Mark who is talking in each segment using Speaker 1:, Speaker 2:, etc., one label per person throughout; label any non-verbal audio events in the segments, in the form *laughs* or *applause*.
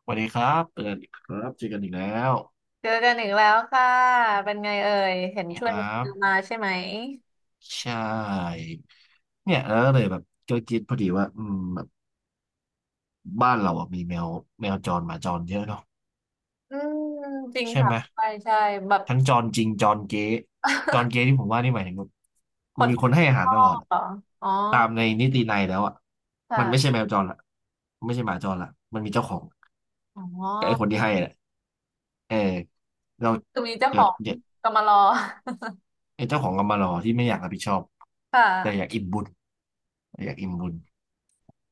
Speaker 1: สวัสดีครับเจอกันอีกครับเจอกันอีกแล้ว
Speaker 2: เจอกันอีกแล้วค่ะ เป็นไงเอ่ย เห็น
Speaker 1: นะ
Speaker 2: ช่ว
Speaker 1: ค
Speaker 2: ย
Speaker 1: รั
Speaker 2: กั
Speaker 1: บ
Speaker 2: นมาใช่ไหม
Speaker 1: ใช่เนี่ยแล้วเลยแบบก็คิดพอดีว่าแบบบ้านเราอะมีแมวจรหมาจรเยอะเนาะ
Speaker 2: อืมจริง
Speaker 1: ใช่
Speaker 2: ค่ะ
Speaker 1: ไหม
Speaker 2: ใช่ใช่แบบ
Speaker 1: ทั้งจรจริงจรเก๊ที่
Speaker 2: *laughs*
Speaker 1: ผมว่านี่หมายถึงแบบ
Speaker 2: คน
Speaker 1: มีคนให้อาหาร
Speaker 2: พ่อ
Speaker 1: ตลอดอะ
Speaker 2: เหรอ อ๋อ
Speaker 1: ตามในนิตินัยแล้วอ่ะมันไม่ใช่
Speaker 2: ค่ะ
Speaker 1: แมวจรละมันไม่ใช่หมาจรละมันมีเจ้าของ
Speaker 2: อ๋อ
Speaker 1: กับไอ้คนที่ให้แหละเออเรา
Speaker 2: คือมีเจ้าข
Speaker 1: แบ
Speaker 2: อ
Speaker 1: บ
Speaker 2: ง
Speaker 1: เนี่ย
Speaker 2: กำมารอ
Speaker 1: ไอ้เจ้าของกรรมารอที่ไม่อยากรับผิดชอบ
Speaker 2: *laughs* ค่
Speaker 1: แต่อยาก
Speaker 2: ะ
Speaker 1: อิ่มบุญอยากอิ่มบุญ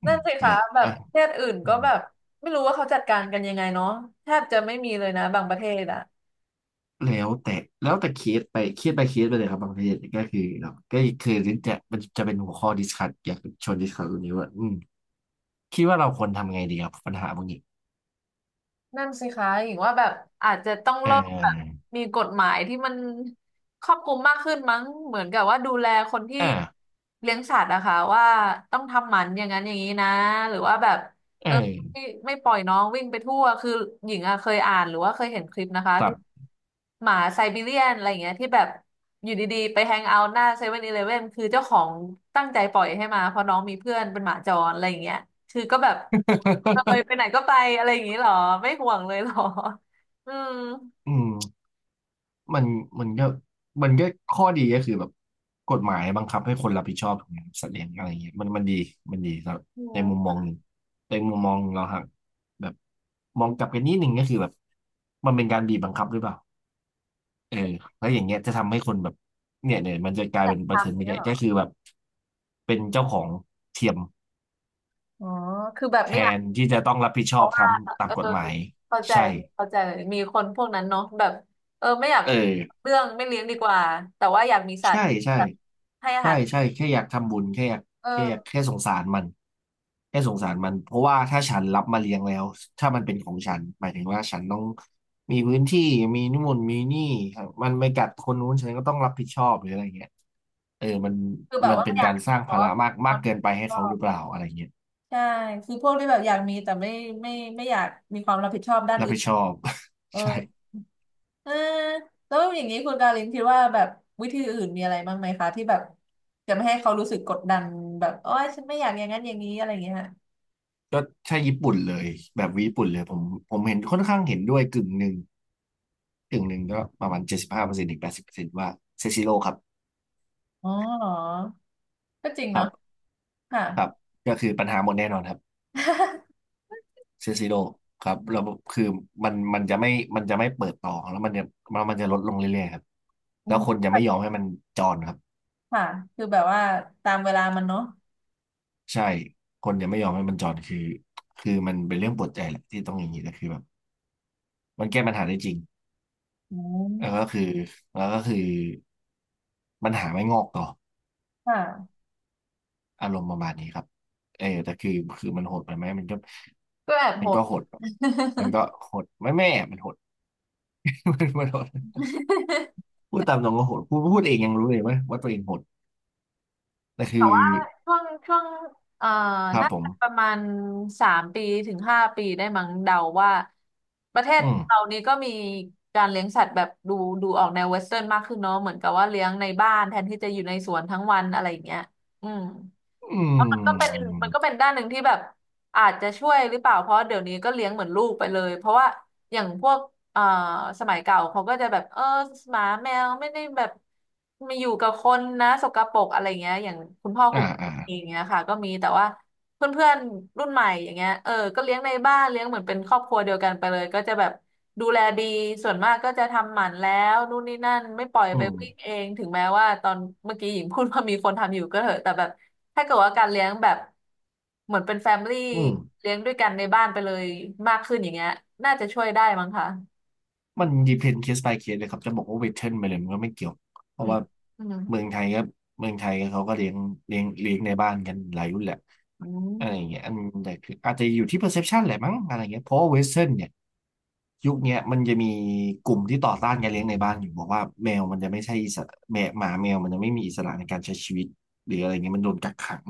Speaker 1: อื
Speaker 2: นั่
Speaker 1: ม
Speaker 2: นสิคะ
Speaker 1: เนี่ย
Speaker 2: แบบ
Speaker 1: อ่ะ
Speaker 2: ประเทศอื่น
Speaker 1: อื
Speaker 2: ก็
Speaker 1: ม
Speaker 2: แบบไม่รู้ว่าเขาจัดการกันยังไงเนาะแทบจะไม่มีเลยนะบางประเทศอะ
Speaker 1: แล้วแต่เคสไปเลยครับบางประเทศก็คือเราก็คือจะเป็นหัวข้อดิสคัสอยากชวนดิสคัสตรงนี้ว่าคิดว่าเราควรทำไงดีครับปัญหาพวกนี้
Speaker 2: นั่นสิคะหญิงว่าแบบอาจจะต้อง
Speaker 1: เ
Speaker 2: เริ่มแบบ
Speaker 1: อ
Speaker 2: มีกฎหมายที่มันครอบคลุมมากขึ้นมั้งเหมือนกับว่าดูแลคนที่
Speaker 1: อ่า
Speaker 2: เลี้ยงสัตว์นะคะว่าต้องทำหมันอย่างนั้นอย่างนี้นะหรือว่าแบบ
Speaker 1: อ
Speaker 2: ไม่ไม่ปล่อยน้องวิ่งไปทั่วคือหญิงอะเคยอ่านหรือว่าเคยเห็นคลิปนะคะ
Speaker 1: ครับ
Speaker 2: ที่หมาไซบีเรียนอะไรอย่างเงี้ยที่แบบอยู่ดีๆไปแฮงเอาท์หน้าเซเว่นอีเลฟเว่นคือเจ้าของตั้งใจปล่อยให้มาเพราะน้องมีเพื่อนเป็นหมาจรอะไรอย่างเงี้ยคือก็แบบเลย
Speaker 1: *laughs*
Speaker 2: ไปไหนก็ไปอะไรอย่างงี้เหรอไม่ห่วงเลยเหรออืม
Speaker 1: อืม มันมันก็มันก็ข้อดีก็คือแบบกฎหมายบังคับให้คนรับผิดชอบถูกไหมครับสัตว์เลี้ยงอะไรเงี้ยมันดีครับ
Speaker 2: อื
Speaker 1: ใน
Speaker 2: ม
Speaker 1: มุมมองหนึ่งแต่อีกมุมมองเราฮะแบบมองกลับกันนิดหนึ่งก็คือแบบมันเป็นการบีบบังคับหรือเปล่าเออแล้วอย่างเงี้ยจะทำให้คนแบบเนี่ยมันจะกลาย
Speaker 2: จั
Speaker 1: เป็
Speaker 2: ด
Speaker 1: นประเด็น
Speaker 2: ทำ
Speaker 1: ไม่
Speaker 2: เนี่ย
Speaker 1: ใช่
Speaker 2: เหรอ
Speaker 1: ก็คือแบบเป็นเจ้าของเทียม
Speaker 2: อ๋อคือแบบ
Speaker 1: แท
Speaker 2: ไม่
Speaker 1: นที่จะต้องรับผิดช
Speaker 2: เพ
Speaker 1: อบ
Speaker 2: ราะ
Speaker 1: ท
Speaker 2: ว่า
Speaker 1: ำตา
Speaker 2: เอ
Speaker 1: ม
Speaker 2: อ
Speaker 1: กฎหมาย
Speaker 2: เข้าใจ
Speaker 1: ใช่
Speaker 2: เข้าใจมีคนพวกนั้นเนาะแบบเออไม่อยาก
Speaker 1: เออ
Speaker 2: เรื่องไม่เลี้ยงดีกว่าแต่ว่าอยากมีสัต
Speaker 1: ใช่
Speaker 2: ว์
Speaker 1: ใช่
Speaker 2: แบบให้อา
Speaker 1: ใช่
Speaker 2: หาร
Speaker 1: ใช่แค่อยากทำบุญแค่อยาก
Speaker 2: เออ
Speaker 1: แค่สงสารมันแค่สงสารมันเพราะว่าถ้าฉันรับมาเลี้ยงแล้วถ้ามันเป็นของฉันหมายถึงว่าฉันต้องมีพื้นที่มีนู่นมีนี่ครับมันไม่กัดคนนู้นฉันก็ต้องรับผิดชอบหรืออะไรเงี้ยเออมัน
Speaker 2: คือแบ
Speaker 1: มั
Speaker 2: บ
Speaker 1: น
Speaker 2: ว่า
Speaker 1: เป็น
Speaker 2: อยา
Speaker 1: กา
Speaker 2: ก
Speaker 1: รสร้าง
Speaker 2: ขอ
Speaker 1: ภาระมาก
Speaker 2: ค
Speaker 1: มา
Speaker 2: วา
Speaker 1: ก
Speaker 2: ม
Speaker 1: เกิ
Speaker 2: รับ
Speaker 1: นไป
Speaker 2: ผิด
Speaker 1: ให้
Speaker 2: ชอ
Speaker 1: เขาห
Speaker 2: บ
Speaker 1: รือเปล่าอะไรเงี้ย
Speaker 2: ใช่คือพวกที่แบบอยากมีแต่ไม่ไม่ไม่อยากมีความรับผิดชอบด้าน
Speaker 1: รับ
Speaker 2: อื่
Speaker 1: ผิ
Speaker 2: น
Speaker 1: ดชอบ
Speaker 2: เอ
Speaker 1: *laughs*
Speaker 2: อ
Speaker 1: ใช่
Speaker 2: เออแล้วอย่างนี้คุณกาลินคิดว่าแบบวิธีอื่นมีอะไรบ้างไหมคะที่แบบจะไม่ให้เขารู้สึกกดดันแบบโอ้ยฉันไม่อยากอย่างนั้นอย่างนี้อะไรอย่างเงี้ยฮะ
Speaker 1: ก็ใช่ญี่ปุ่นเลยแบบญี่ปุ่นเลยผมเห็นค่อนข้างเห็นด้วยกึ่งหนึ่งก็ประมาณ75%ถึง80%ว่าเซซิโร่ครับ
Speaker 2: อ๋อเหรอก็จริง
Speaker 1: ครั
Speaker 2: เนาะ
Speaker 1: บ
Speaker 2: ค่ะ
Speaker 1: ครับก็คือปัญหาหมดแน่นอนครับ
Speaker 2: *laughs*
Speaker 1: เซซิโดครับแล้วคือมันจะไม่เปิดต่อแล้วมันจะลดลงเรื่อยๆครับ
Speaker 2: อื
Speaker 1: แล้ว
Speaker 2: ม
Speaker 1: คนจะไม่ยอมให้มันจอนครับ
Speaker 2: ค่ะคือแบบว่าตามเวลามันเนาะ
Speaker 1: ใช่คนจะไม่ยอมให้มันจอนคือมันเป็นเรื่องปวดใจแหละที่ต้องอย่างนี้แต่คือแบบมันแก้ปัญหาได้จริง
Speaker 2: อืม
Speaker 1: แล้วก็คือแล้วก็คือปัญหาไม่งอกต่อ
Speaker 2: ค่ะ
Speaker 1: อารมณ์ประมาณนี้ครับเออแต่คือคือมันโหดไปไหม
Speaker 2: ก็แอบ
Speaker 1: มั
Speaker 2: โห
Speaker 1: น
Speaker 2: ด
Speaker 1: ก็โหดมันก็โหดไม่แม่มันโหด *laughs* มันโหด พูดตามตรงก็โหดพูดเองยังรู้เลยว่าตัวเองโหด แต่คือ
Speaker 2: ช่วงเอ่อ
Speaker 1: ครับ
Speaker 2: น่า
Speaker 1: ผม
Speaker 2: จะประมาณสามปีถึงห้าปีได้มั้งเดาว่าประเทศ
Speaker 1: อืม
Speaker 2: เรานี้ก็มีการเลี้ยงสัตว์แบบดูออกแนวเวสเทิร์นมากขึ้นเนาะเหมือนกับว่าเลี้ยงในบ้านแทนที่จะอยู่ในสวนทั้งวันอะไรอย่างเงี้ยอืม
Speaker 1: อื
Speaker 2: แลาวมันก็เป็น
Speaker 1: ม
Speaker 2: มันก็เป็นด้านหนึ่งที่แบบอาจจะช่วยหรือเปล่าเพราะเดี๋ยวนี้ก็เลี้ยงเหมือนลูกไปเลยเพราะว่า อย่างพวกเอ่อสมัยเก่าเขาก็จะแบบ เออหมาแมวไม่ได้แบบมาอยู่กับคนนะสกปรกอะไรเงี้ยอย่างคุณพ่อ
Speaker 1: อ่า
Speaker 2: คุณแม่
Speaker 1: อ่า
Speaker 2: เองเงี้ยค่ะก็มีแต่ว่า เพื่อนเพื่อนรุ่นใหม่อย่างเงี้ยเออก็เลี้ยงในบ้านเลี้ยงเหมือนเป็นครอบครัวเดียวกันไปเลยก็จะแบบดูแลดีส่วนมากก็จะทำหมันแล้วนู่นนี่นั่นไม่ปล่อย
Speaker 1: อื
Speaker 2: ไปวิ่ง
Speaker 1: ม
Speaker 2: เองถึงแม้ว่าตอนเมื่อกี้หญิงพูดว่ามีคนทำอยู่ก็เถอะแต่แบบถ้าเกิดว่าการเลี้ยงแบบเหมือนเป็นแฟมิลี่
Speaker 1: อืม
Speaker 2: เลี้ยงด้วยกันในบ้านไปเลยมากขึ้นอย่างเงี้ยน่าจะช่วยได้มั้งคะ
Speaker 1: มัน depend case by case เลยครับจะบอกว่า western ไปเลยมันก็ไม่เกี่ยวเพ
Speaker 2: อื
Speaker 1: ราะ
Speaker 2: ม
Speaker 1: ว่า
Speaker 2: อืม
Speaker 1: เมืองไทยก็เขาก็เลี้ยงเลี้ยงในบ้านกันหลายรุ่นแหละ
Speaker 2: อื
Speaker 1: อะไรอย่าง
Speaker 2: ม
Speaker 1: เงี้ยอันแต่คืออาจจะอยู่ที่ perception แหละมั้งอะไรเงี้ยเพราะเว่เ western เนี่ยยุคเนี้ยมันจะมีกลุ่มที่ต่อต้านการเลี้ยงในบ้านอยู่บอกว่าแมวมันจะไม่ใช่อิสระแมวหมาแมวมันจะไม่มีอิสระในการใช้ชีวิตหรืออะไรเงี้ยมันโดนกักขัง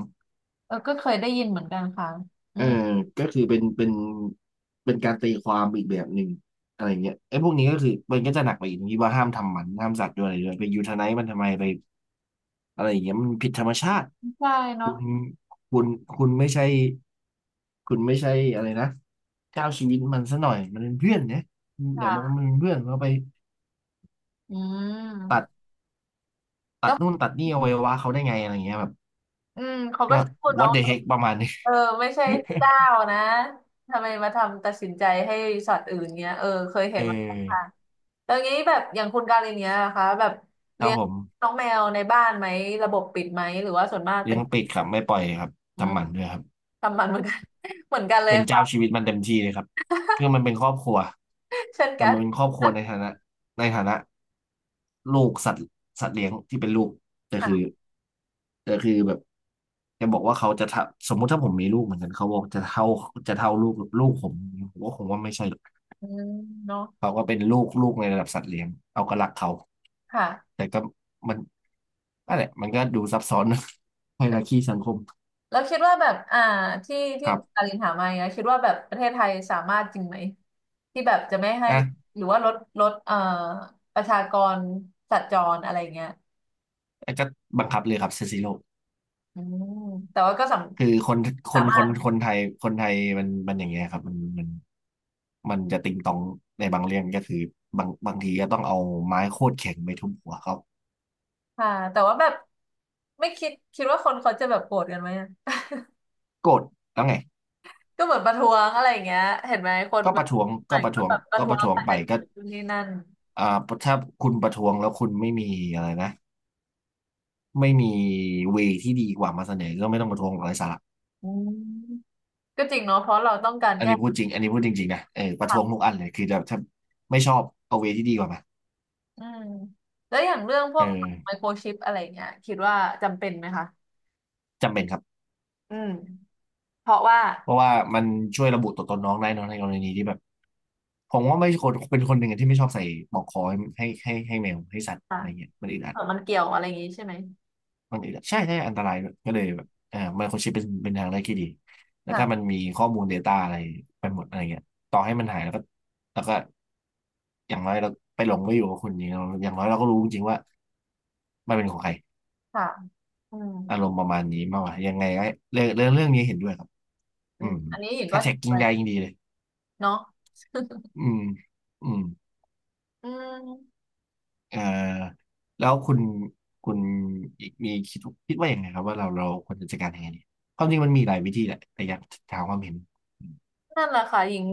Speaker 2: เออก็เคยได้ยินเหมือนกันค่ะอื
Speaker 1: เออ
Speaker 2: ม
Speaker 1: ก็คือเป็นเป็นการตีความอีกแบบหนึ่งอะไรเงี้ยไอ้พวกนี้ก็คือมันก็จะหนักไปอีกตรงที่ว่าห้ามทำหมันห้ามสัตว์ด้วยอะไรด้วยไปยูทไนายมันทำไมไปอะไรอย่างเงี้ยมันผิดธรรมชาติ
Speaker 2: ใช่เนาะ
Speaker 1: คุณคุณคุณไม่ใช่อะไรนะเจ้าชีวิตมันซะหน่อยมันเป็นเพื่อนเนี่ยเดี๋ยวมองว่า
Speaker 2: ค่ะ
Speaker 1: มันเป็นเพื่อนเราไป
Speaker 2: อื
Speaker 1: ตัด
Speaker 2: มแล้ว
Speaker 1: นู่นตัดนี่อวัยวะเขาได้ไงอะไรเงี้ยแบบ
Speaker 2: อืมเขาก็
Speaker 1: ก็
Speaker 2: พูด
Speaker 1: what
Speaker 2: เนาะ
Speaker 1: the heck ประมาณนี้ *laughs*
Speaker 2: เออไม่ใช่เจ้านะทำไมมาทำตัดสินใจให้ชอตว์อื่นเงี้ยเออเคยเห็
Speaker 1: เอ
Speaker 2: นมาแล้วค่ะ
Speaker 1: อ
Speaker 2: ตอนนี้แบบอย่างคุณการินเนี้ยนะคะแบบ
Speaker 1: ครั
Speaker 2: เลี้
Speaker 1: บ
Speaker 2: ยง
Speaker 1: ผม
Speaker 2: น้องแมวในบ้านไหมระบบปิดไหมหรือว่าส่วนมาก
Speaker 1: เลี้
Speaker 2: เป็
Speaker 1: ย
Speaker 2: น
Speaker 1: งปิดครับไม่ปล่อยครับ
Speaker 2: อืม
Speaker 1: ทำหมันด้วยครับ
Speaker 2: ทำมันเหมือนกัน *laughs* เหมือนกันเลย
Speaker 1: เป็นเจ้า
Speaker 2: ค่ะ
Speaker 1: ชีวิตมันเต็มที่เลยครับคือมันเป็นครอบครัว
Speaker 2: เช่น
Speaker 1: แต่
Speaker 2: กัน
Speaker 1: มันเป็นครอบครัวในฐานะในฐานะลูกสัตว์สัตว์เลี้ยงที่เป็นลูกแต่
Speaker 2: *laughs*
Speaker 1: คือ
Speaker 2: ค่ะ
Speaker 1: แบบจะบอกว่าเขาจะทะสมมุติถ้าผมมีลูกเหมือนกันเขาบอกจะเท่าลูกผมผมวคงว่าไม่ใช่หรอก
Speaker 2: อืมเนาะ
Speaker 1: เขาก็เป็นลูกในระดับสัตว์เลี้ยงเอาก็รักเขา
Speaker 2: ค่ะ
Speaker 1: แต่ก็มันนั่นแหละมันก็ดูซับซ้อนนะ *laughs* ไฮรักีสังคม
Speaker 2: แล้วคิดว่าแบบอ่าที่
Speaker 1: ค
Speaker 2: ที่
Speaker 1: รั
Speaker 2: คุณกา
Speaker 1: บ
Speaker 2: รินถามมาเนี้ยคิดว่าแบบประเทศไทยสามารถจริงไหมที่แบบจะไม่ให้
Speaker 1: อ่ะ
Speaker 2: หรือว่าลดประชากรสัตว์จรอะไรเงี้ย
Speaker 1: แล้วก็บังคับเลยครับเซซิโล
Speaker 2: อืมแต่ว่าก็
Speaker 1: คือคนค
Speaker 2: สา
Speaker 1: น
Speaker 2: มา
Speaker 1: ค
Speaker 2: ร
Speaker 1: น
Speaker 2: ถ
Speaker 1: คนไทยคนไทยมันอย่างเงี้ยครับมันมันจะติงตองในบางเรื่องก็คือ บางทีก็ต้องเอาไม้โคตรแข็งไปทุบหัวเขา
Speaker 2: ค่ะแต่ว่าแบบไม่คิดว่าคนเขาจะแบบโกรธกันไหมอะ
Speaker 1: โกรธแล้วไง
Speaker 2: *laughs* ก็เหมือนประท้วงอะไรอย่างเงี้ยเห็นไหมคน
Speaker 1: ก็
Speaker 2: แบ
Speaker 1: ป
Speaker 2: บ
Speaker 1: ระท้วง
Speaker 2: ไหน
Speaker 1: ก็ประ
Speaker 2: ก็
Speaker 1: ท้วง
Speaker 2: แบบประ
Speaker 1: ก็
Speaker 2: ท้
Speaker 1: ป
Speaker 2: วง
Speaker 1: ระ
Speaker 2: อา
Speaker 1: ท้
Speaker 2: จ
Speaker 1: วง
Speaker 2: จะเ
Speaker 1: ไปก็
Speaker 2: กิดขึ้นนี่นั่น
Speaker 1: อ่าถ้าคุณประท้วงแล้วคุณไม่มีอะไรนะไม่มีเวที่ดีกว่ามาเสนอก็ไม่ต้องประท้วงอะไรสาระ
Speaker 2: อืมก็จริงเนาะเพราะเราต้องการแก้ปัญ
Speaker 1: อันนี้พูดจริงๆนะเออประ
Speaker 2: หา
Speaker 1: ท้วงทุกอันเลยคือจะถ้าไม่ชอบเอาเวที่ดีกว่ามา
Speaker 2: อืมแล้วอย่างเรื่องพว
Speaker 1: เอ
Speaker 2: กไม
Speaker 1: อ
Speaker 2: โครชิปอะไรเงี้ยคิดว่าจำเป็นไหมคะ
Speaker 1: จำเป็นครับ
Speaker 2: อืมเพราะว่า
Speaker 1: เพราะว่ามันช่วยระบุตัวตนน้องได้เนอะในกรณีที่แบบผมว่าไม่คนเป็นคนหนึ่งอะที่ไม่ชอบใส่ปลอกคอให้แมวให้สัตว์
Speaker 2: อ่ะ
Speaker 1: อะไรเงี้ยมันอึดอั
Speaker 2: เอ
Speaker 1: ด
Speaker 2: อมันเกี่ยวอะไรอย่างงี้ใช่ไหม
Speaker 1: มันอึดอัดใช่ใช่อันตรายด้วยก็เลยแบบไมโครชิปเป็นทางเลือกที่ดีแล้วก็มัน
Speaker 2: ค่ะ
Speaker 1: มีข้อมูล Data อะไรไปหมดอะไรเงี้ยต่อให้มันหายแล้วก็แล้วก็อย่างน้อยเราไปหลงไปอยู่กับคนนี้เราอย่างน้อยเราก็รู้จริงๆว่ามันเป็นของใคร
Speaker 2: ค่ะอืม
Speaker 1: อารมณ์ประมาณนี้มากกว่ายังไงก็เรื่องนี้เห็นด้วยครับ
Speaker 2: อื
Speaker 1: อื
Speaker 2: ม
Speaker 1: ม
Speaker 2: อันนี้หญิงก็
Speaker 1: ถ้า
Speaker 2: *laughs* เห็
Speaker 1: แท็
Speaker 2: น
Speaker 1: กกิ้
Speaker 2: ด้
Speaker 1: ง
Speaker 2: วย
Speaker 1: ได้ยิ่งดีเลย
Speaker 2: เนาะ
Speaker 1: อืมอืม
Speaker 2: อืม
Speaker 1: เอ่อแล้วคุณอีกมีคิดคิดว่าอย่างไงครับว่าเราควรจะจัดการยังไงดีความจริงมันมีหลายวิธีแหละแต่อยากถามความเห็น
Speaker 2: นั่นแหละค่ะหญิง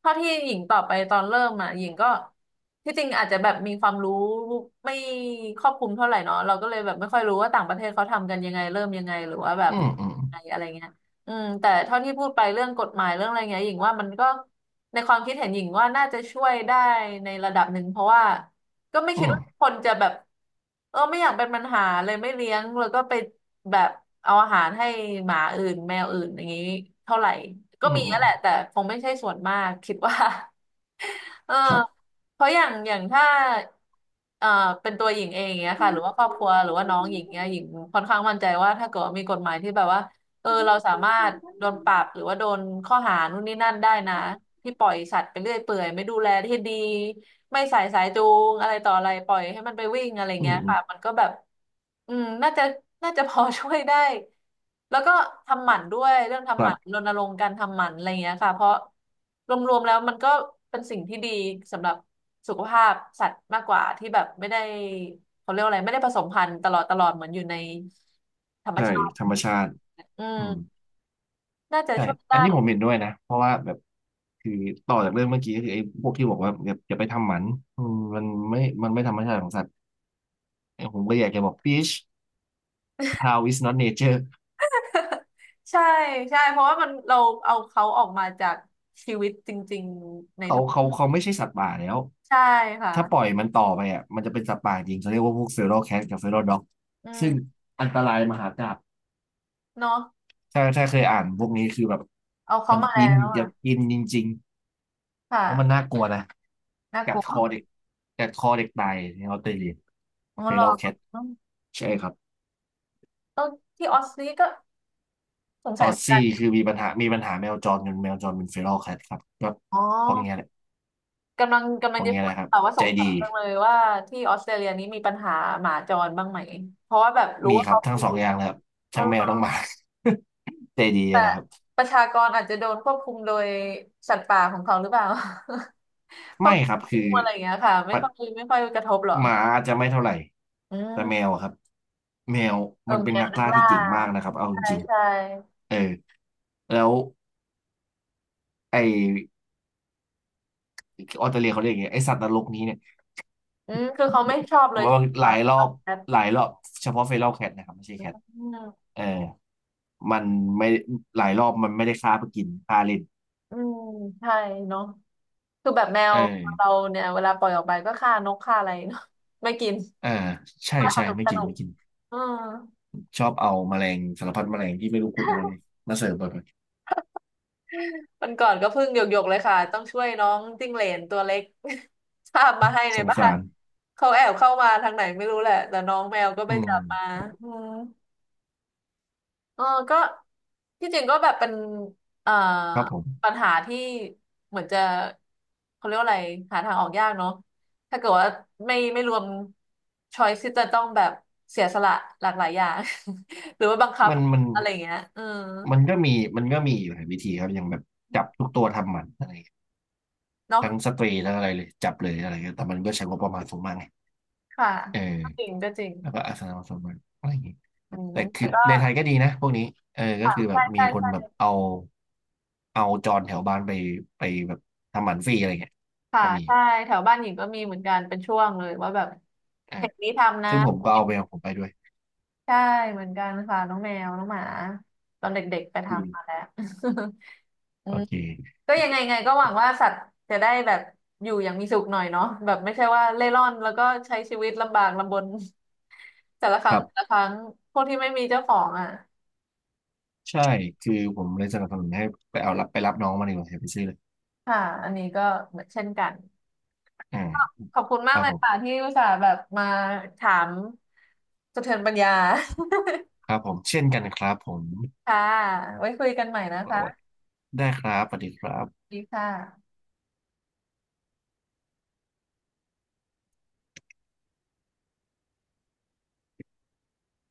Speaker 2: เท่าที่หญิงตอบไปตอนเริ่มอ่ะหญิงก็ที่จริงอาจจะแบบมีความรู้ไม่ครอบคลุมเท่าไหร่เนาะเราก็เลยแบบไม่ค่อยรู้ว่าต่างประเทศเขาทำกันยังไงเริ่มยังไงหรือว่าแบบ
Speaker 1: อืมอืม
Speaker 2: อะไรอะไรเงี้ยอืมแต่เท่าที่พูดไปเรื่องกฎหมายเรื่องอะไรเงี้ยหญิงว่ามันก็ในความคิดเห็นหญิงว่าน่าจะช่วยได้ในระดับหนึ่งเพราะว่า ก็ไม่คิ
Speaker 1: อื
Speaker 2: ด
Speaker 1: ม
Speaker 2: ว่าคนจะแบบเออไม่อยากเป็นปัญหาเลยไม่เลี้ยงแล้วก็ไปแบบเอาอาหารให้หมาอื่นแมวอื่นอย่างนี้เท่าไหร่ก็
Speaker 1: อืม
Speaker 2: มี
Speaker 1: อื
Speaker 2: นั่
Speaker 1: ม
Speaker 2: นแหละแต่คงไม่ใช่ส่วนมากคิดว่า *laughs* เออ
Speaker 1: ครับ
Speaker 2: เพราะอย่างอย่างถ้าเอ่อเป็นตัวหญิงเองเนี้ย
Speaker 1: อื
Speaker 2: ค่ะหรือว่า
Speaker 1: ม
Speaker 2: ครอบครัวหรือว่าน้องหญิงเนี้ยหญิงค่อนข้างมั่นใจว่าถ้าเกิดว่ามีกฎหมายที่แบบว่า เออเราสามารถโดนปรับหรือว่าโดนข้อหานู่นนี่นั่นได้นะที่ปล่อยสัตว์ไปเรื่อยเปื่อยไม่ดูแลที่ดีไม่ใส่สายจูงอะไรต่ออะไรปล่อยให้มันไปวิ่งอะไร
Speaker 1: อื
Speaker 2: เงี้ยค่ะมั
Speaker 1: ม
Speaker 2: นก็แบบอืมน่าจะพอช่วยได้แล้วก็ทำหมันด้วยเรื่อง
Speaker 1: ค
Speaker 2: ทำห
Speaker 1: รั
Speaker 2: มัน
Speaker 1: บ
Speaker 2: รณรงค์การทำหมันอะไรเงี้ยค่ะเพราะรวมๆแล้วมันก็เป็นสิ่งที่ดีสำหรับสุขภาพสัตว์มากกว่าที่แบบไม่ได้เขาเรียกว่าอะไรไม่ได้ผสมพันธุ์ตลอดตลอดเหมือนอยู่ในธรรม
Speaker 1: ใช่
Speaker 2: ชาติ
Speaker 1: ธรรมชาติ
Speaker 2: อื
Speaker 1: อืม
Speaker 2: ม น่าจะ
Speaker 1: ใช่
Speaker 2: ช่วย
Speaker 1: อันนี้ผม
Speaker 2: ได้
Speaker 1: เห็นด้วยนะเพราะว่าแบบคือต่อจากเรื่องเมื่อกี้ก็คือไอ้พวกที่บอกว่าแบบอย่าไปทำหมันอืมมันไม่ธรรมชาติของสัตว์ไอ้ผมก็อยากจะบอก fish cow is not nature
Speaker 2: ใช่ใช่เพราะว่ามันเราเอาเขาออกมาจากชีวิตจริงๆในธรรม
Speaker 1: เขาไม่ใช่สัตว์ป่าแล้ว
Speaker 2: ใช่ค่ะ
Speaker 1: ถ้าปล่อยมันต่อไปอ่ะมันจะเป็นสัตว์ป่าจริงเขาเรียกว่าพวกเฟโรแคทกับเฟโรด็อก
Speaker 2: อื
Speaker 1: ซึ่ง
Speaker 2: ม
Speaker 1: อันตรายมหากาพย์
Speaker 2: เนาะ
Speaker 1: ถ้าเคยอ่านพวกนี้คือแบบ
Speaker 2: เอาเขา
Speaker 1: มัน
Speaker 2: มา
Speaker 1: กิน
Speaker 2: แล้ว
Speaker 1: อ
Speaker 2: อ่ะ
Speaker 1: ยากกินจริงๆเพราะมัน
Speaker 2: ค่ะ
Speaker 1: น่ากลัวนะ
Speaker 2: น่าก
Speaker 1: กั
Speaker 2: ลั
Speaker 1: ด
Speaker 2: ว
Speaker 1: คอเด็กกัดคอเด็กตายในออสเตรเลีย
Speaker 2: อ๋อ
Speaker 1: เฟ
Speaker 2: เหร
Speaker 1: โร
Speaker 2: อ
Speaker 1: แคทใช่ครับ
Speaker 2: ต้นที่ออสนี่ก็สง
Speaker 1: อ
Speaker 2: สัย
Speaker 1: อ
Speaker 2: เห
Speaker 1: ส
Speaker 2: มือนกัน
Speaker 1: ซี่คือมีปัญหามีปัญหาแมวจรจนแมวจรเป็นเฟโรลแคทครับก็
Speaker 2: อ๋
Speaker 1: พวกเนี้ยแห
Speaker 2: อ
Speaker 1: ละ
Speaker 2: กำลังกำ
Speaker 1: พ
Speaker 2: ลัง
Speaker 1: วก
Speaker 2: จะ
Speaker 1: เนี้ย
Speaker 2: พู
Speaker 1: แห
Speaker 2: ด
Speaker 1: ละครับ
Speaker 2: ค่ะว่าส
Speaker 1: ใจ
Speaker 2: งสั
Speaker 1: ดี
Speaker 2: ยจังเลยว่าที่ออสเตรเลียนี้มีปัญหาหมาจรบ้างไหมเพราะว่าแบบรู้
Speaker 1: มี
Speaker 2: ว่า
Speaker 1: ครับ
Speaker 2: เขา
Speaker 1: ทั้ง
Speaker 2: เป็น
Speaker 1: สองอย่างเลยครับทั้งแมวทั้งหมา *laughs* ใจดีนะครับ
Speaker 2: ประชากรอาจจะโดนควบคุมโดยสัตว์ป่าของเขาหรือเปล่า พว
Speaker 1: ไม่
Speaker 2: ก
Speaker 1: ครับคื
Speaker 2: งู
Speaker 1: อ
Speaker 2: อะไรอย่างเงี้ยค่ะไม่
Speaker 1: ปัด
Speaker 2: ค่อยไม่ค่อยกระทบหรอ
Speaker 1: หมาอาจจะไม่เท่าไหร่
Speaker 2: อื
Speaker 1: แต่แม
Speaker 2: ม
Speaker 1: วอะครับแมว
Speaker 2: เออ
Speaker 1: มันเป็
Speaker 2: แม
Speaker 1: น
Speaker 2: ว
Speaker 1: นัก
Speaker 2: นัก
Speaker 1: ล่าที่
Speaker 2: ล่า
Speaker 1: เก่งมากนะครับเอาจ
Speaker 2: ใช่
Speaker 1: ริง
Speaker 2: ใช่
Speaker 1: ๆเออแล้วไอออสเตรเลียเขาเรียกอย่างเงี้ยไอสัตว์นรกนี้เนี่ย
Speaker 2: อืมคือเขาไม่ชอบเลย
Speaker 1: ั
Speaker 2: ใช่
Speaker 1: ห
Speaker 2: ไหม
Speaker 1: ลา
Speaker 2: คะ
Speaker 1: ยรอ
Speaker 2: ชอ
Speaker 1: บ
Speaker 2: บแคท
Speaker 1: หลายรอบเฉพาะเฟรัลแคทนะครับไม่ใช่แคท
Speaker 2: อืม
Speaker 1: เออมันไม่หลายรอบมันไม่ได้ฆ่าเพื่อกินฆ่าเล่น
Speaker 2: อืมใช่เนาะคือแบบแม
Speaker 1: เอ
Speaker 2: ว
Speaker 1: อ
Speaker 2: เราเนี่ยเวลาปล่อยออกไปก็ฆ่านกฆ่าอะไรเนาะไม่กิน
Speaker 1: อ่าใช่
Speaker 2: ส
Speaker 1: ใช่
Speaker 2: นุก
Speaker 1: ไม่
Speaker 2: ส
Speaker 1: กิน
Speaker 2: นุก
Speaker 1: ไม่กิน
Speaker 2: อืม
Speaker 1: ชอบเอาแมลงสารพัดแมลงที่ไม่รู้คุณอะไรมาเสิร์ฟบ่อย
Speaker 2: วันก่อนก็เพิ่งหยกๆเลยค่ะต้องช่วยน้องจิ้งเหลนตัวเล็ก *laughs* คาบมาให้
Speaker 1: ๆ
Speaker 2: ใน
Speaker 1: สง
Speaker 2: บ้า
Speaker 1: สา
Speaker 2: น
Speaker 1: ร
Speaker 2: เขาแอบเข้ามาทางไหนไม่รู้แหละแต่น้องแมวก็ไป
Speaker 1: อืม
Speaker 2: จับมาอืม เออก็ที่จริงก็แบบเป็นเอ่อ
Speaker 1: ครับผ
Speaker 2: ปั
Speaker 1: ม
Speaker 2: ญหาที่เหมือนจะเขาเรียกว่าอะไรหาทางออกยากเนาะถ้าเกิดว่าไม่ไม่รวมช้อยที่จะต้องแบบเสียสละหลากหลายอย่าง *laughs* หรือว่าบังคับ
Speaker 1: มัน
Speaker 2: อะไรอย่างเงี้ยเออ
Speaker 1: มันก็มีมันก็มีอยู่หลายวิธีครับอย่างแบบจับทุกตัวทำหมันอะไรอย่างเงี้ย
Speaker 2: เนาะ
Speaker 1: ทั้งสเตรย์ทั้งอะไรเลยจับเลยอะไรเงี้ยแต่มันก็ใช้งบประมาณสูงมากไง
Speaker 2: ค่ะ
Speaker 1: เอ
Speaker 2: ก็จริ
Speaker 1: อ
Speaker 2: งก็จริง
Speaker 1: แล้วก็อาสนะสูงมากอะไรอย่างเงี้ย
Speaker 2: อืม
Speaker 1: แต่
Speaker 2: แต่
Speaker 1: คือ
Speaker 2: ก็
Speaker 1: ในไทยก็ดีนะพวกนี้เออก็คือแบ
Speaker 2: ใช่
Speaker 1: บมี
Speaker 2: ใช่
Speaker 1: คนแบบ
Speaker 2: ใช่
Speaker 1: เอาจรแถวบ้านไปแบบทำหมันฟรีอะไรเงี้ย
Speaker 2: ค่ะ
Speaker 1: ก็มีอ
Speaker 2: ใช่
Speaker 1: ยู่
Speaker 2: แถวบ้านหญิงก็มีเหมือนกันเป็นช่วงเลยว่าแบบ
Speaker 1: อ่า
Speaker 2: เพจนี้ทำนะ
Speaker 1: ซึ่งผมก็เอาไปของผมไปด้วย
Speaker 2: ใช่เหมือนกันค่ะน้องแมวน้องหมาตอนเด็กๆไป
Speaker 1: ฟรี
Speaker 2: ทำมาแล้ว *laughs* อื
Speaker 1: โอ
Speaker 2: ม
Speaker 1: เค
Speaker 2: ก็ยังไงไงก็หวังว่าสัตว์จะได้แบบอยู่อย่างมีสุขหน่อยเนาะแบบไม่ใช่ว่าเล่ร่อนแล้วก็ใช้ชีวิตลำบากลำบน *laughs* แต่ละค
Speaker 1: ค
Speaker 2: รั้ง
Speaker 1: รั
Speaker 2: แต่ละ
Speaker 1: บ
Speaker 2: ครั้งพวกที่ไม่มีเจ้าของอ่ะ
Speaker 1: ใช่คือผมเลยสนับสนุนให้ไปเอารับไปรับน้องมาดีกว่าอย่าไปซื้อเลย
Speaker 2: ค่ะอันนี้ก็เหมือนเช่นกัน
Speaker 1: อ่า
Speaker 2: ขอบคุณมา
Speaker 1: ค
Speaker 2: ก
Speaker 1: รับ
Speaker 2: เลย
Speaker 1: ผม
Speaker 2: ค่ะที่อุตส่าห์แบบมาถามสะเทือนปัญญา
Speaker 1: ครับผมเช่นกันครับผม
Speaker 2: *laughs* ค่ะไว้คุยกันใหม่นะคะ
Speaker 1: ได้ครับสวัสดีครับ
Speaker 2: ดีค่ะ